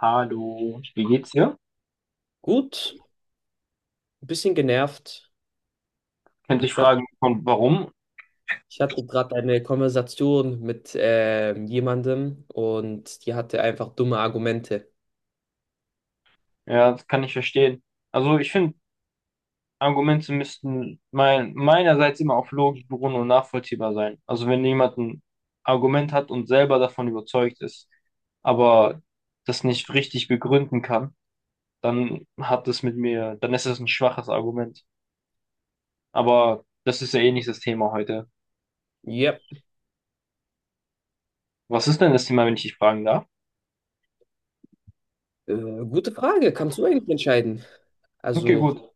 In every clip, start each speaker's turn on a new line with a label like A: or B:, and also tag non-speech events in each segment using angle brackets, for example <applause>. A: Hallo, wie geht's dir?
B: Gut, ein bisschen genervt.
A: Könnte ich
B: Ich hat,
A: fragen, von warum?
B: ich hatte gerade eine Konversation mit jemandem und die hatte einfach dumme Argumente.
A: Ja, das kann ich verstehen. Also ich finde, Argumente müssten meinerseits immer auf Logik beruhen und nachvollziehbar sein. Also wenn jemand ein Argument hat und selber davon überzeugt ist, aber das nicht richtig begründen kann, dann hat das mit mir, dann ist das ein schwaches Argument. Aber das ist ja eh nicht das Thema heute.
B: Ja,
A: Was ist denn das Thema, wenn ich dich fragen darf?
B: gute Frage. Kannst du eigentlich entscheiden?
A: Okay,
B: Also,
A: gut.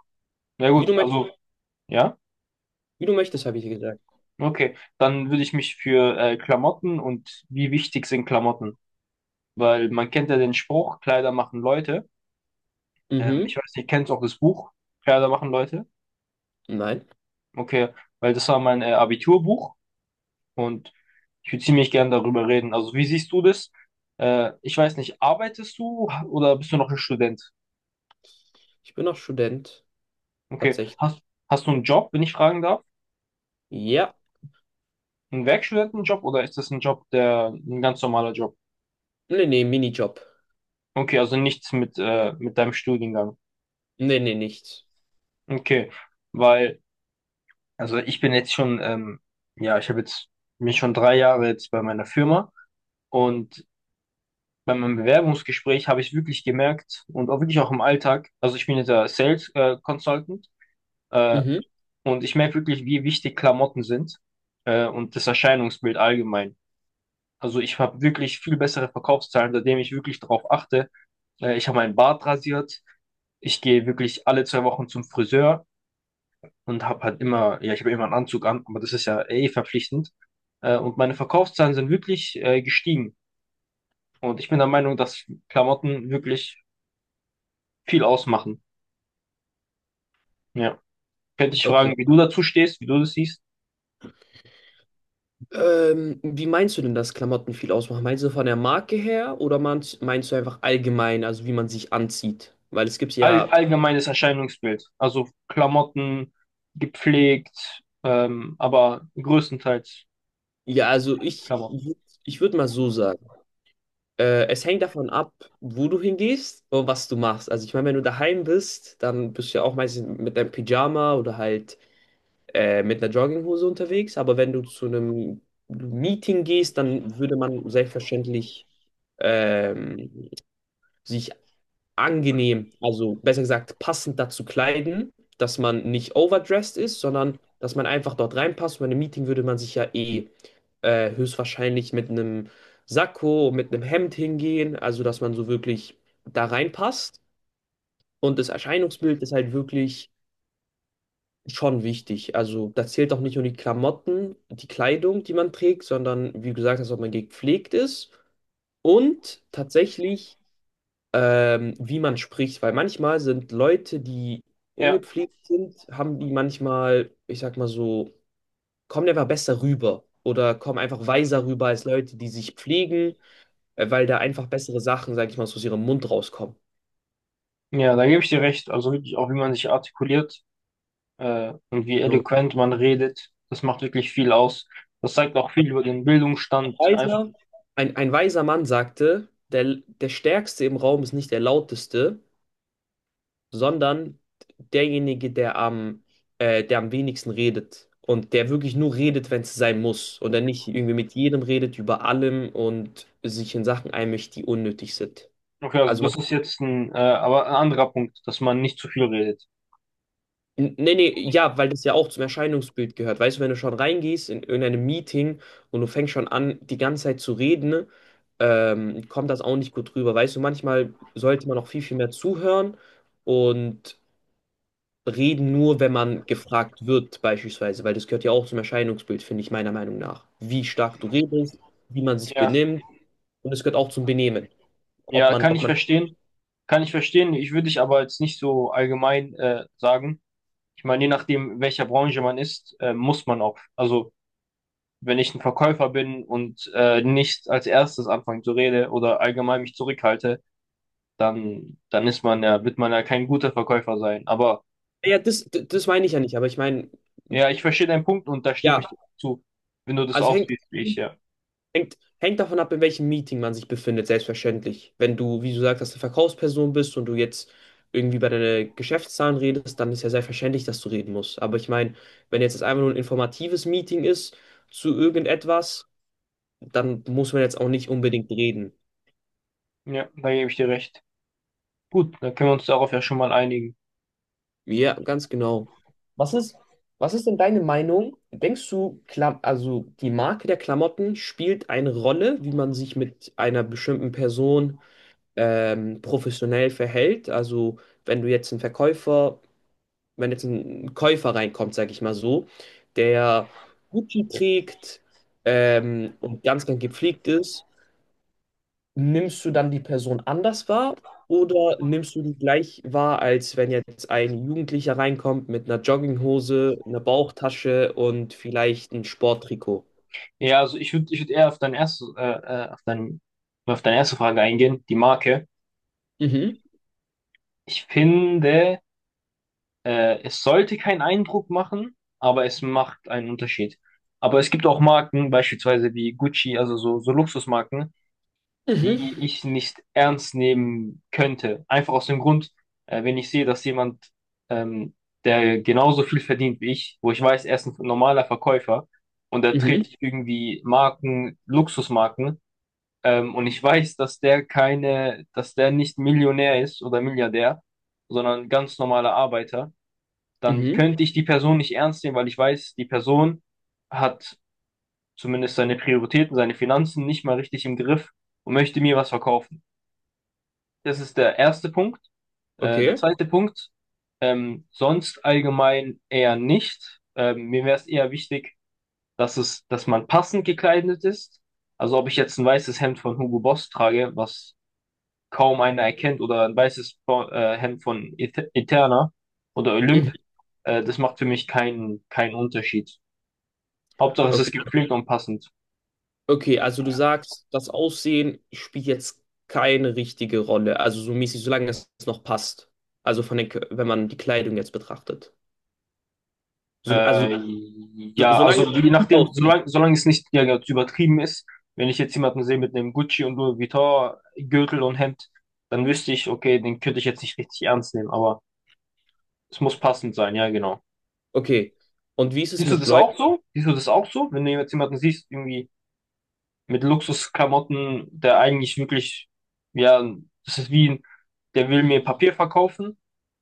A: Na
B: wie
A: gut,
B: du, möcht-
A: also, ja.
B: wie du möchtest, habe ich dir gesagt.
A: Okay, dann würde ich mich für Klamotten und wie wichtig sind Klamotten? Weil man kennt ja den Spruch, Kleider machen Leute.
B: Mhm.
A: Ich weiß nicht, kennst du auch das Buch, Kleider machen Leute?
B: Nein,
A: Okay, weil das war mein Abiturbuch und ich würde ziemlich gern darüber reden. Also wie siehst du das? Ich weiß nicht, arbeitest du oder bist du noch ein Student?
B: ich bin noch Student,
A: Okay,
B: tatsächlich.
A: hast du einen Job, wenn ich fragen darf?
B: Ja.
A: Einen Werkstudentenjob oder ist das ein Job, der ein ganz normaler Job?
B: Nee, nee, Minijob.
A: Okay, also nichts mit deinem Studiengang.
B: Nee, nee, nichts.
A: Okay, weil also ich bin jetzt schon, ja, ich habe jetzt mich schon drei Jahre jetzt bei meiner Firma und bei meinem Bewerbungsgespräch habe ich wirklich gemerkt und auch wirklich auch im Alltag, also ich bin jetzt der Sales Consultant äh,
B: Mhm.
A: und ich merke wirklich, wie wichtig Klamotten sind, und das Erscheinungsbild allgemein. Also ich habe wirklich viel bessere Verkaufszahlen, seitdem ich wirklich darauf achte. Ich habe meinen Bart rasiert, ich gehe wirklich alle zwei Wochen zum Friseur und habe halt immer, ja, ich habe immer einen Anzug an, aber das ist ja eh verpflichtend. Und meine Verkaufszahlen sind wirklich gestiegen. Und ich bin der Meinung, dass Klamotten wirklich viel ausmachen. Ja. Könnte ich
B: Okay.
A: fragen, wie du dazu stehst, wie du das siehst?
B: Wie meinst du denn, dass Klamotten viel ausmachen? Meinst du von der Marke her oder meinst du einfach allgemein, also wie man sich anzieht? Weil es gibt ja,
A: Allgemeines Erscheinungsbild. Also Klamotten, gepflegt, aber größtenteils
B: ja,
A: Klamotten.
B: ich würde mal so sagen, es hängt davon ab, wo du hingehst und was du machst. Also ich meine, wenn du daheim bist, dann bist du ja auch meistens mit deinem Pyjama oder halt mit einer Jogginghose unterwegs. Aber wenn du zu einem Meeting gehst, dann würde man selbstverständlich, ähm, sich angenehm, also besser gesagt passend dazu kleiden, dass man nicht overdressed ist, sondern dass man einfach dort reinpasst. Und bei einem Meeting würde man sich ja eh höchstwahrscheinlich mit einem Sakko, mit einem Hemd hingehen, also dass man so wirklich da reinpasst. Und das Erscheinungsbild ist halt wirklich schon wichtig. Also da zählt auch nicht nur die Klamotten, die Kleidung, die man trägt, sondern wie gesagt, dass auch man gepflegt ist. Und tatsächlich, wie man spricht, weil manchmal sind Leute, die
A: Ja,
B: ungepflegt sind, haben die manchmal, ich sag mal so, kommen einfach besser rüber oder kommen einfach weiser rüber als Leute, die sich pflegen, weil da einfach bessere Sachen, sag ich mal, so aus ihrem Mund rauskommen.
A: ja, da gebe ich dir recht. Also wirklich auch, wie man sich artikuliert und wie
B: So.
A: eloquent man redet. Das macht wirklich viel aus. Das zeigt auch
B: Ein
A: viel über den Bildungsstand. Einfach,
B: weiser, ein weiser Mann sagte, der Stärkste im Raum ist nicht der Lauteste, sondern derjenige, der am wenigsten redet und der wirklich nur redet, wenn es sein muss und der nicht irgendwie mit jedem redet, über allem und sich in Sachen einmischt, die unnötig sind.
A: okay, also
B: Also
A: das
B: man,
A: ist jetzt aber ein anderer Punkt, dass man nicht zu viel redet.
B: Nee, nee, ja, weil das ja auch zum Erscheinungsbild gehört. Weißt du, wenn du schon reingehst in irgendeinem Meeting und du fängst schon an, die ganze Zeit zu reden, kommt das auch nicht gut rüber. Weißt du, manchmal sollte man auch viel mehr zuhören und reden nur, wenn man gefragt wird, beispielsweise, weil das gehört ja auch zum Erscheinungsbild, finde ich, meiner Meinung nach. Wie stark du redest, wie man sich
A: Ja,
B: benimmt, und es gehört auch zum Benehmen. Ob
A: ja,
B: man,
A: kann
B: ob
A: ich
B: man,
A: verstehen. Kann ich verstehen. Ich würde dich aber jetzt nicht so allgemein sagen. Ich meine, je nachdem, welcher Branche man ist, muss man auch. Also, wenn ich ein Verkäufer bin und nicht als erstes anfange zu reden oder allgemein mich zurückhalte, dann ist man ja, kein guter Verkäufer sein. Aber
B: ja, das meine ich ja nicht, aber ich meine,
A: ja, ich verstehe deinen Punkt und da stimme
B: ja,
A: ich dir auch zu, wenn du das
B: also
A: auch
B: hängt,
A: siehst wie ich, ja.
B: hängt davon ab, in welchem Meeting man sich befindet, selbstverständlich. Wenn du, wie du sagst, dass du Verkaufsperson bist und du jetzt irgendwie bei deinen Geschäftszahlen redest, dann ist ja selbstverständlich, dass du reden musst. Aber ich meine, wenn jetzt das einfach nur ein informatives Meeting ist, zu irgendetwas, dann muss man jetzt auch nicht unbedingt reden.
A: Ja, da gebe ich dir recht. Gut, dann können wir uns darauf ja schon mal einigen.
B: Ja, ganz genau. Was ist, was ist denn deine Meinung? Denkst du, Klam also die Marke der Klamotten spielt eine Rolle, wie man sich mit einer bestimmten Person, professionell verhält? Also wenn du jetzt einen Verkäufer, wenn jetzt ein Käufer reinkommt, sage ich mal so, der Gucci trägt, und ganz, ganz gepflegt ist, nimmst du dann die Person anders wahr oder nimmst du die gleich wahr, als wenn jetzt ein Jugendlicher reinkommt mit einer Jogginghose, einer Bauchtasche und vielleicht ein Sporttrikot?
A: Ja, also ich würd eher auf deine erste Frage eingehen, die Marke.
B: Mhm,
A: Ich finde, es sollte keinen Eindruck machen, aber es macht einen Unterschied. Aber es gibt auch Marken, beispielsweise wie Gucci, also so, so Luxusmarken,
B: mhm,
A: die ich nicht ernst nehmen könnte. Einfach aus dem Grund, wenn ich sehe, dass jemand, ähm, der genauso viel verdient wie ich, wo ich weiß, er ist ein normaler Verkäufer und er
B: mhm,
A: trägt irgendwie Marken, Luxusmarken, und ich weiß, dass der keine, dass der nicht Millionär ist oder Milliardär, sondern ganz normaler Arbeiter, dann
B: mhm,
A: könnte ich die Person nicht ernst nehmen, weil ich weiß, die Person hat zumindest seine Prioritäten, seine Finanzen nicht mal richtig im Griff und möchte mir was verkaufen. Das ist der erste Punkt. Der
B: okay,
A: zweite Punkt, sonst allgemein eher nicht. Mir wäre es eher wichtig, dass man passend gekleidet ist. Also ob ich jetzt ein weißes Hemd von Hugo Boss trage, was kaum einer erkennt, oder ein weißes Hemd von Eterna oder
B: mhm,
A: Olymp, das macht für mich keinen Unterschied. Hauptsache, es ist
B: okay,
A: gepflegt und passend.
B: okay, also du sagst, das Aussehen spielt jetzt keine richtige Rolle, also so mäßig, solange es noch passt. Also von den, wenn man die Kleidung jetzt betrachtet. So, also
A: Äh, Ja,
B: solange
A: also je
B: es gut
A: nachdem,
B: aussieht.
A: solange es nicht, ja, jetzt übertrieben ist, wenn ich jetzt jemanden sehe mit einem Gucci und Louis Vuitton-Gürtel und Hemd, dann wüsste ich, okay, den könnte ich jetzt nicht richtig ernst nehmen, aber es muss passend sein, ja, genau.
B: Okay. Und wie ist es
A: Siehst du
B: mit
A: das
B: Leuten?
A: auch so? Siehst du das auch so? Wenn du jetzt jemanden siehst, irgendwie mit Luxusklamotten, der eigentlich wirklich, ja, das ist wie, der will mir Papier verkaufen.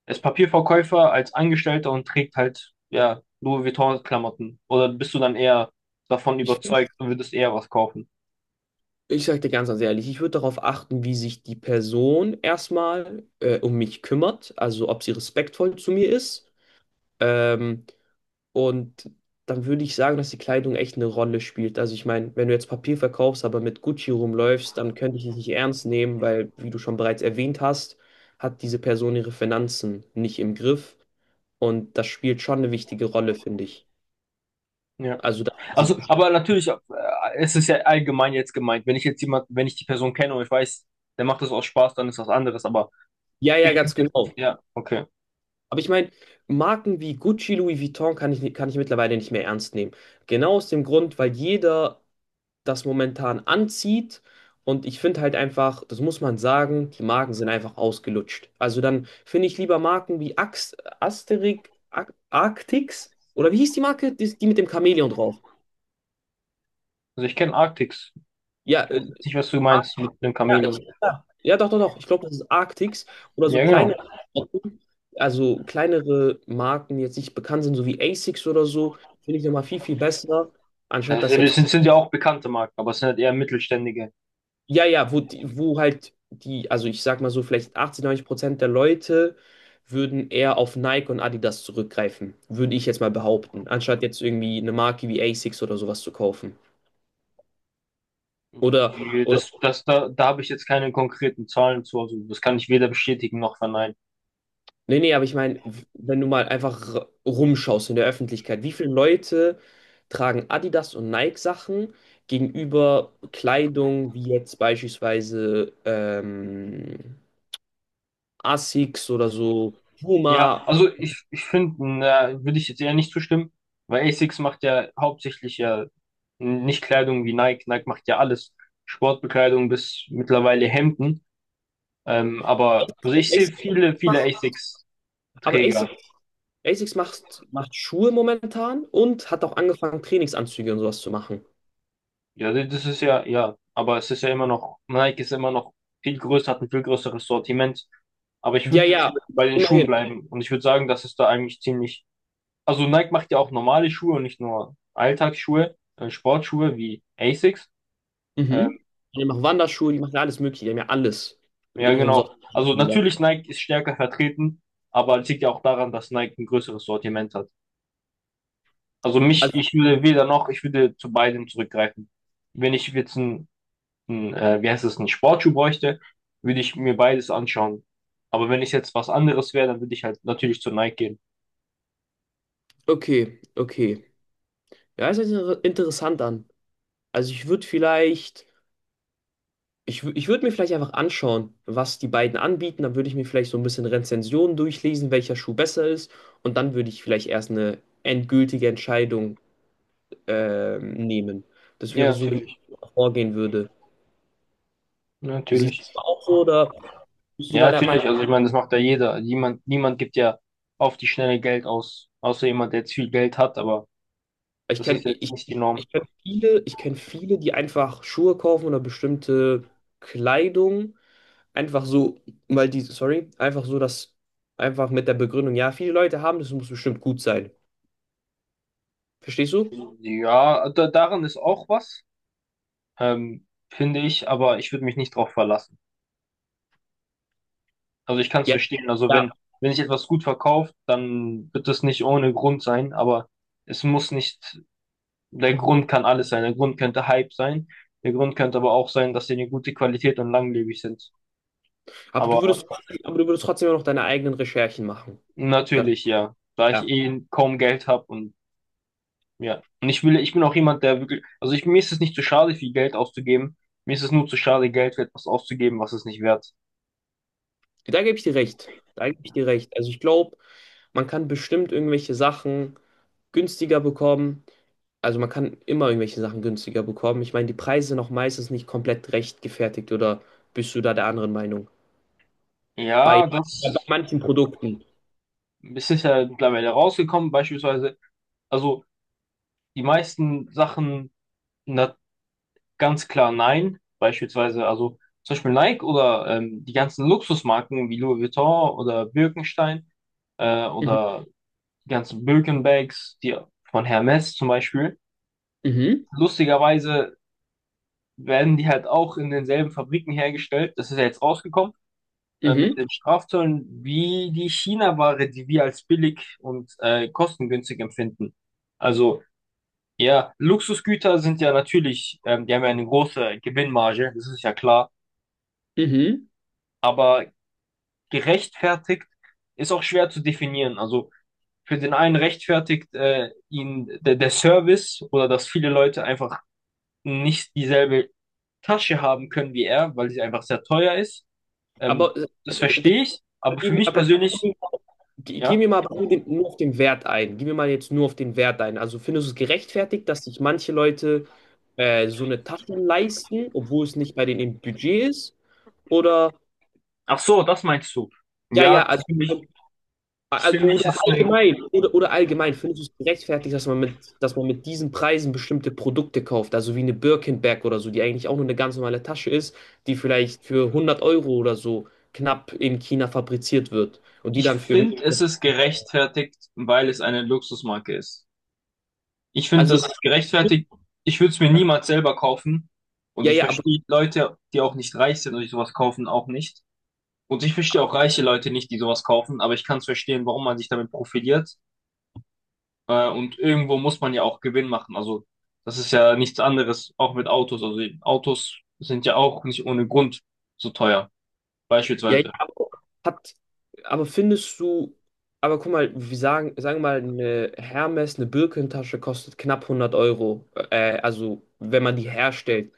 A: Er ist Papierverkäufer als Angestellter und trägt halt, ja, Louis Vuitton-Klamotten. Oder bist du dann eher davon
B: Ich,
A: überzeugt und würdest eher was kaufen?
B: Ich sage dir ganz, ganz ehrlich, ich würde darauf achten, wie sich die Person erstmal um mich kümmert, also ob sie respektvoll zu mir ist. Ähm, und dann würde ich sagen, dass die Kleidung echt eine Rolle spielt. Also ich meine, wenn du jetzt Papier verkaufst, aber mit Gucci rumläufst, dann könnte ich dich nicht ernst nehmen, weil, wie du schon bereits erwähnt hast, hat diese Person ihre Finanzen nicht im Griff. Und das spielt schon eine wichtige Rolle, finde ich.
A: Ja.
B: Also, dass man sich...
A: Also, aber natürlich, es ist ja allgemein jetzt gemeint. Wenn ich die Person kenne und ich weiß, der macht das aus Spaß, dann ist das anderes. Aber
B: Ja, ja, ganz genau.
A: ja, okay.
B: Aber ich meine, Marken wie Gucci, Louis Vuitton kann ich mittlerweile nicht mehr ernst nehmen. Genau aus dem Grund, weil jeder das momentan anzieht. Und ich finde halt einfach, das muss man sagen, die Marken sind einfach ausgelutscht. Also dann finde ich lieber Marken wie Ax, Asterix, Ar Arctix, oder wie hieß die Marke? Die, die mit dem Chamäleon drauf.
A: Also ich kenne Arctics.
B: Ja,
A: Ich weiß
B: äh,
A: jetzt nicht, was du meinst mit dem
B: Ja, ich,
A: Chamäleon.
B: ja, ja, doch. Ich glaube, das ist Arctics oder so
A: Ja, genau.
B: kleine, also kleinere Marken, die jetzt nicht bekannt sind, so wie Asics oder so, finde ich nochmal viel besser, anstatt
A: Also
B: das jetzt,
A: das sind, sind ja auch bekannte Marken, aber es sind halt eher mittelständige.
B: ja, ja, wo halt also ich sag mal so, vielleicht 80, 90% der Leute würden eher auf Nike und Adidas zurückgreifen, würde ich jetzt mal behaupten, anstatt jetzt irgendwie eine Marke wie Asics oder sowas zu kaufen. Oder,
A: Äh,
B: oder
A: Das, das, da, da habe ich jetzt keine konkreten Zahlen zu, also das kann ich weder bestätigen noch verneinen.
B: nee, nee, aber ich meine, wenn du mal einfach rumschaust in der Öffentlichkeit, wie viele Leute tragen Adidas und Nike-Sachen gegenüber Kleidung wie jetzt beispielsweise, Asics oder so,
A: Ja,
B: Puma.
A: also ich finde, da würde ich jetzt eher nicht zustimmen, weil ASICS macht ja hauptsächlich ja nicht Kleidung wie Nike. Nike macht ja alles, Sportbekleidung bis mittlerweile Hemden. Aber also ich sehe
B: Asics
A: viele, viele ASICS-Träger.
B: Asics, Asics macht, macht Schuhe momentan und hat auch angefangen, Trainingsanzüge und sowas zu machen.
A: Ja, das ist ja, ja, aber es ist ja immer noch, Nike ist immer noch viel größer, hat ein viel größeres Sortiment. Aber ich
B: Ja,
A: würde jetzt
B: ja,
A: bei den Schuhen
B: immerhin.
A: bleiben und ich würde sagen, dass es da eigentlich ziemlich. Also Nike macht ja auch normale Schuhe und nicht nur Alltagsschuhe, Sportschuhe wie Asics. Ähm,
B: Mhm. Die machen Wanderschuhe, die machen ja alles Mögliche, die haben ja alles
A: ja,
B: in ihrem
A: genau.
B: Sortiment,
A: Also
B: wie gesagt.
A: natürlich Nike ist stärker vertreten, aber es liegt ja auch daran, dass Nike ein größeres Sortiment hat. Also mich, ich würde weder noch, ich würde zu beidem zurückgreifen. Wenn ich jetzt ein, wie heißt es, ein Sportschuh bräuchte, würde ich mir beides anschauen. Aber wenn ich jetzt was anderes wäre, dann würde ich halt natürlich zu Nike gehen.
B: Okay, okay. Ja, es hört sich interessant an. Also ich würde vielleicht, ich würde mir vielleicht einfach anschauen, was die beiden anbieten. Dann würde ich mir vielleicht so ein bisschen Rezensionen durchlesen, welcher Schuh besser ist. Und dann würde ich vielleicht erst eine endgültige Entscheidung, nehmen. Das wäre
A: Ja,
B: so, wie
A: natürlich,
B: ich vorgehen würde. Siehst du
A: natürlich.
B: das auch so oder bist du
A: Ja,
B: da der...
A: natürlich. Also ich meine, das macht ja jeder. Niemand, niemand gibt ja auf die Schnelle Geld aus, außer jemand, der jetzt viel Geld hat, aber
B: Ich
A: das
B: kenne
A: ist jetzt
B: ich,
A: nicht die Norm.
B: ich kenn viele, die einfach Schuhe kaufen oder bestimmte Kleidung. Einfach so, weil die, sorry, einfach so, dass einfach mit der Begründung, ja, viele Leute haben, das muss bestimmt gut sein. Verstehst du?
A: Ja, daran ist auch was, ähm, finde ich, aber ich würde mich nicht drauf verlassen. Also ich kann es
B: Ja.
A: verstehen. Also
B: Ja.
A: wenn sich etwas gut verkauft, dann wird es nicht ohne Grund sein, aber es muss nicht, der Grund kann alles sein. Der Grund könnte Hype sein, der Grund könnte aber auch sein, dass sie eine gute Qualität und langlebig sind.
B: Aber
A: Aber
B: aber du würdest trotzdem noch deine eigenen Recherchen machen. Das,
A: natürlich, ja. Da ich
B: ja.
A: eh kaum Geld habe und ja. Und ich will, ich bin auch jemand, der wirklich, mir ist es nicht zu schade, viel Geld auszugeben. Mir ist es nur zu schade, Geld für etwas auszugeben, was es nicht wert ist.
B: Da gebe ich dir recht. Da gebe ich dir recht. Also ich glaube, man kann bestimmt irgendwelche Sachen günstiger bekommen. Also man kann immer irgendwelche Sachen günstiger bekommen. Ich meine, die Preise sind auch meistens nicht komplett rechtgefertigt oder bist du da der anderen Meinung? Bei,
A: Ja,
B: bei
A: das
B: manchen Produkten.
A: es ist ja mittlerweile rausgekommen, beispielsweise. Also die meisten Sachen, na, ganz klar nein. Beispielsweise, also zum Beispiel Nike oder die ganzen Luxusmarken wie Louis Vuitton oder Birkenstein,
B: Mhm,
A: oder die ganzen Birkenbags, die von Hermes zum Beispiel.
B: mhm,
A: Lustigerweise werden die halt auch in denselben Fabriken hergestellt. Das ist ja jetzt rausgekommen mit
B: mhm,
A: den Strafzöllen, wie die China-Ware, die wir als billig und kostengünstig empfinden. Also ja, Luxusgüter sind ja natürlich, die haben ja eine große Gewinnmarge, das ist ja klar,
B: mhm.
A: aber gerechtfertigt ist auch schwer zu definieren. Also für den einen rechtfertigt ihn der Service oder dass viele Leute einfach nicht dieselbe Tasche haben können wie er, weil sie einfach sehr teuer ist. Ähm,
B: Aber,
A: das
B: b- b-
A: verstehe ich,
B: aber,
A: aber für mich
B: aber gib
A: persönlich,
B: mir mal, gib gib
A: ja.
B: mir mal nur den, nur auf den Wert ein. Gib mir mal jetzt nur auf den Wert ein. Also findest du es gerechtfertigt, dass sich manche Leute so eine Tasche leisten, obwohl es nicht bei denen im Budget ist? Oder,
A: Ach so, das meinst du.
B: ja,
A: Ja,
B: ja,
A: das
B: also
A: finde ich, das finde ich
B: Oder
A: ist eine,
B: allgemein, oder allgemein, findest du es gerechtfertigt, dass man mit diesen Preisen bestimmte Produkte kauft, also wie eine Birkenbag oder so, die eigentlich auch nur eine ganz normale Tasche ist, die vielleicht für 100 Euro oder so knapp in China fabriziert wird und die
A: ich
B: dann für,
A: finde, es ist gerechtfertigt, weil es eine Luxusmarke ist. Ich finde,
B: also,
A: das ist gerechtfertigt. Ich würde es mir niemals selber kaufen. Und
B: ja,
A: ich
B: ja, aber,
A: verstehe Leute, die auch nicht reich sind und die sowas kaufen, auch nicht. Und ich verstehe auch reiche Leute nicht, die sowas kaufen, aber ich kann es verstehen, warum man sich damit profiliert. Und irgendwo muss man ja auch Gewinn machen. Also das ist ja nichts anderes, auch mit Autos. Also die Autos sind ja auch nicht ohne Grund so teuer,
B: ja, ja,
A: beispielsweise.
B: hat, aber findest du, aber guck mal, sagen wir mal, eine Hermes, eine Birkentasche kostet knapp 100 Euro, also, wenn man die herstellt.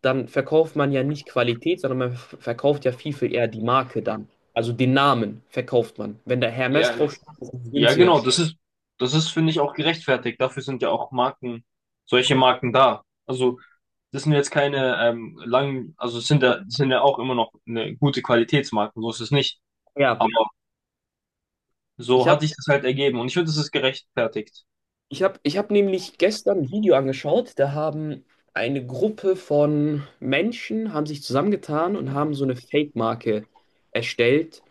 B: Dann verkauft man ja nicht Qualität, sondern verkauft ja viel, viel eher die Marke dann. Also den Namen verkauft man. Wenn da Hermes
A: Ja, das.
B: draufsteht, ist es
A: Ja, genau,
B: günstiger.
A: das ist, das ist, finde ich, auch gerechtfertigt. Dafür sind ja auch Marken, solche Marken da. Also das sind jetzt keine langen, also es sind ja auch immer noch eine gute Qualitätsmarken, so ist es nicht.
B: Ja,
A: Aber
B: ich
A: so hat
B: habe
A: sich das halt ergeben und ich finde, das ist gerechtfertigt.
B: ich hab nämlich gestern ein Video angeschaut, da haben eine Gruppe von Menschen, haben sich zusammengetan und haben so eine Fake-Marke erstellt,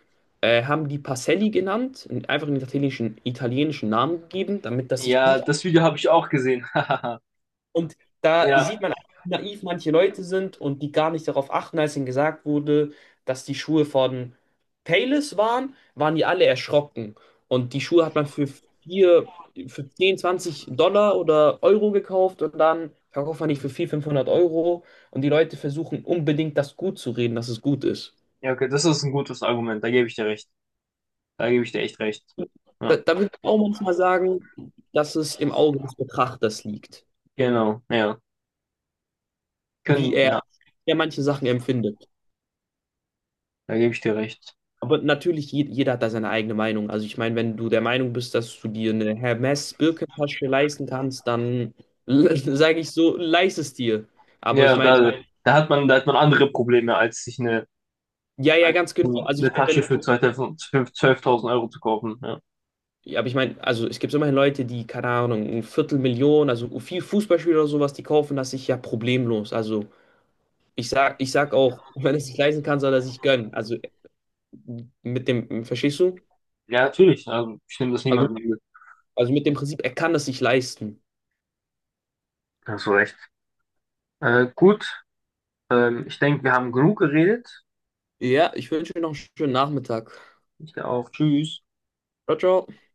B: haben die Pacelli genannt, und einfach einen italienischen, italienischen Namen gegeben, damit das sich
A: Ja,
B: gut...
A: das Video habe ich auch gesehen. <laughs>
B: Und da
A: Ja.
B: sieht man, wie naiv manche Leute sind und die gar nicht darauf achten, als ihnen gesagt wurde, dass die Schuhe von Payless waren, waren die alle erschrocken. Und die Schuhe hat man für vier, für 10, 20 Dollar oder Euro gekauft und dann verkauft man die für 400, 500 Euro. Und die Leute versuchen unbedingt, das gut zu reden, dass es gut ist.
A: Ja, okay, das ist ein gutes Argument, da gebe ich dir recht. Da gebe ich dir echt recht. Ja,
B: Da würde ich auch manchmal sagen, dass es im Auge des Betrachters liegt,
A: genau, ja.
B: wie
A: Können,
B: er,
A: ja,
B: wie er manche Sachen empfindet.
A: da gebe ich dir recht.
B: Aber natürlich, jeder hat da seine eigene Meinung. Also ich meine, wenn du der Meinung bist, dass du dir eine Hermes-Birkentasche leisten kannst, dann <laughs> sage ich so, leist es dir. Aber ich
A: Ja,
B: meine,
A: da hat man andere Probleme, als sich
B: ja, ja, ganz genau. Also ich
A: eine
B: meine, wenn
A: Tasche
B: du,
A: für 2000 12.000 Euro zu kaufen. Ja.
B: ja, aber ich meine, also es gibt immerhin Leute, die, keine Ahnung, ein Viertelmillion, also viel Fußballspieler oder sowas, die kaufen das sich ja problemlos. Also ich sag auch, <laughs> wenn es sich leisten kann, soll er sich gönnen. Also mit dem, verstehst du?
A: Ja, natürlich. Also ich nehme das
B: Also,
A: niemandem übel.
B: also mit dem Prinzip, er kann es sich leisten.
A: Hast du recht. Gut, ich denke, wir haben genug geredet.
B: Ja, ich wünsche dir noch einen schönen Nachmittag.
A: Ich auch. Tschüss.
B: Ciao, ciao.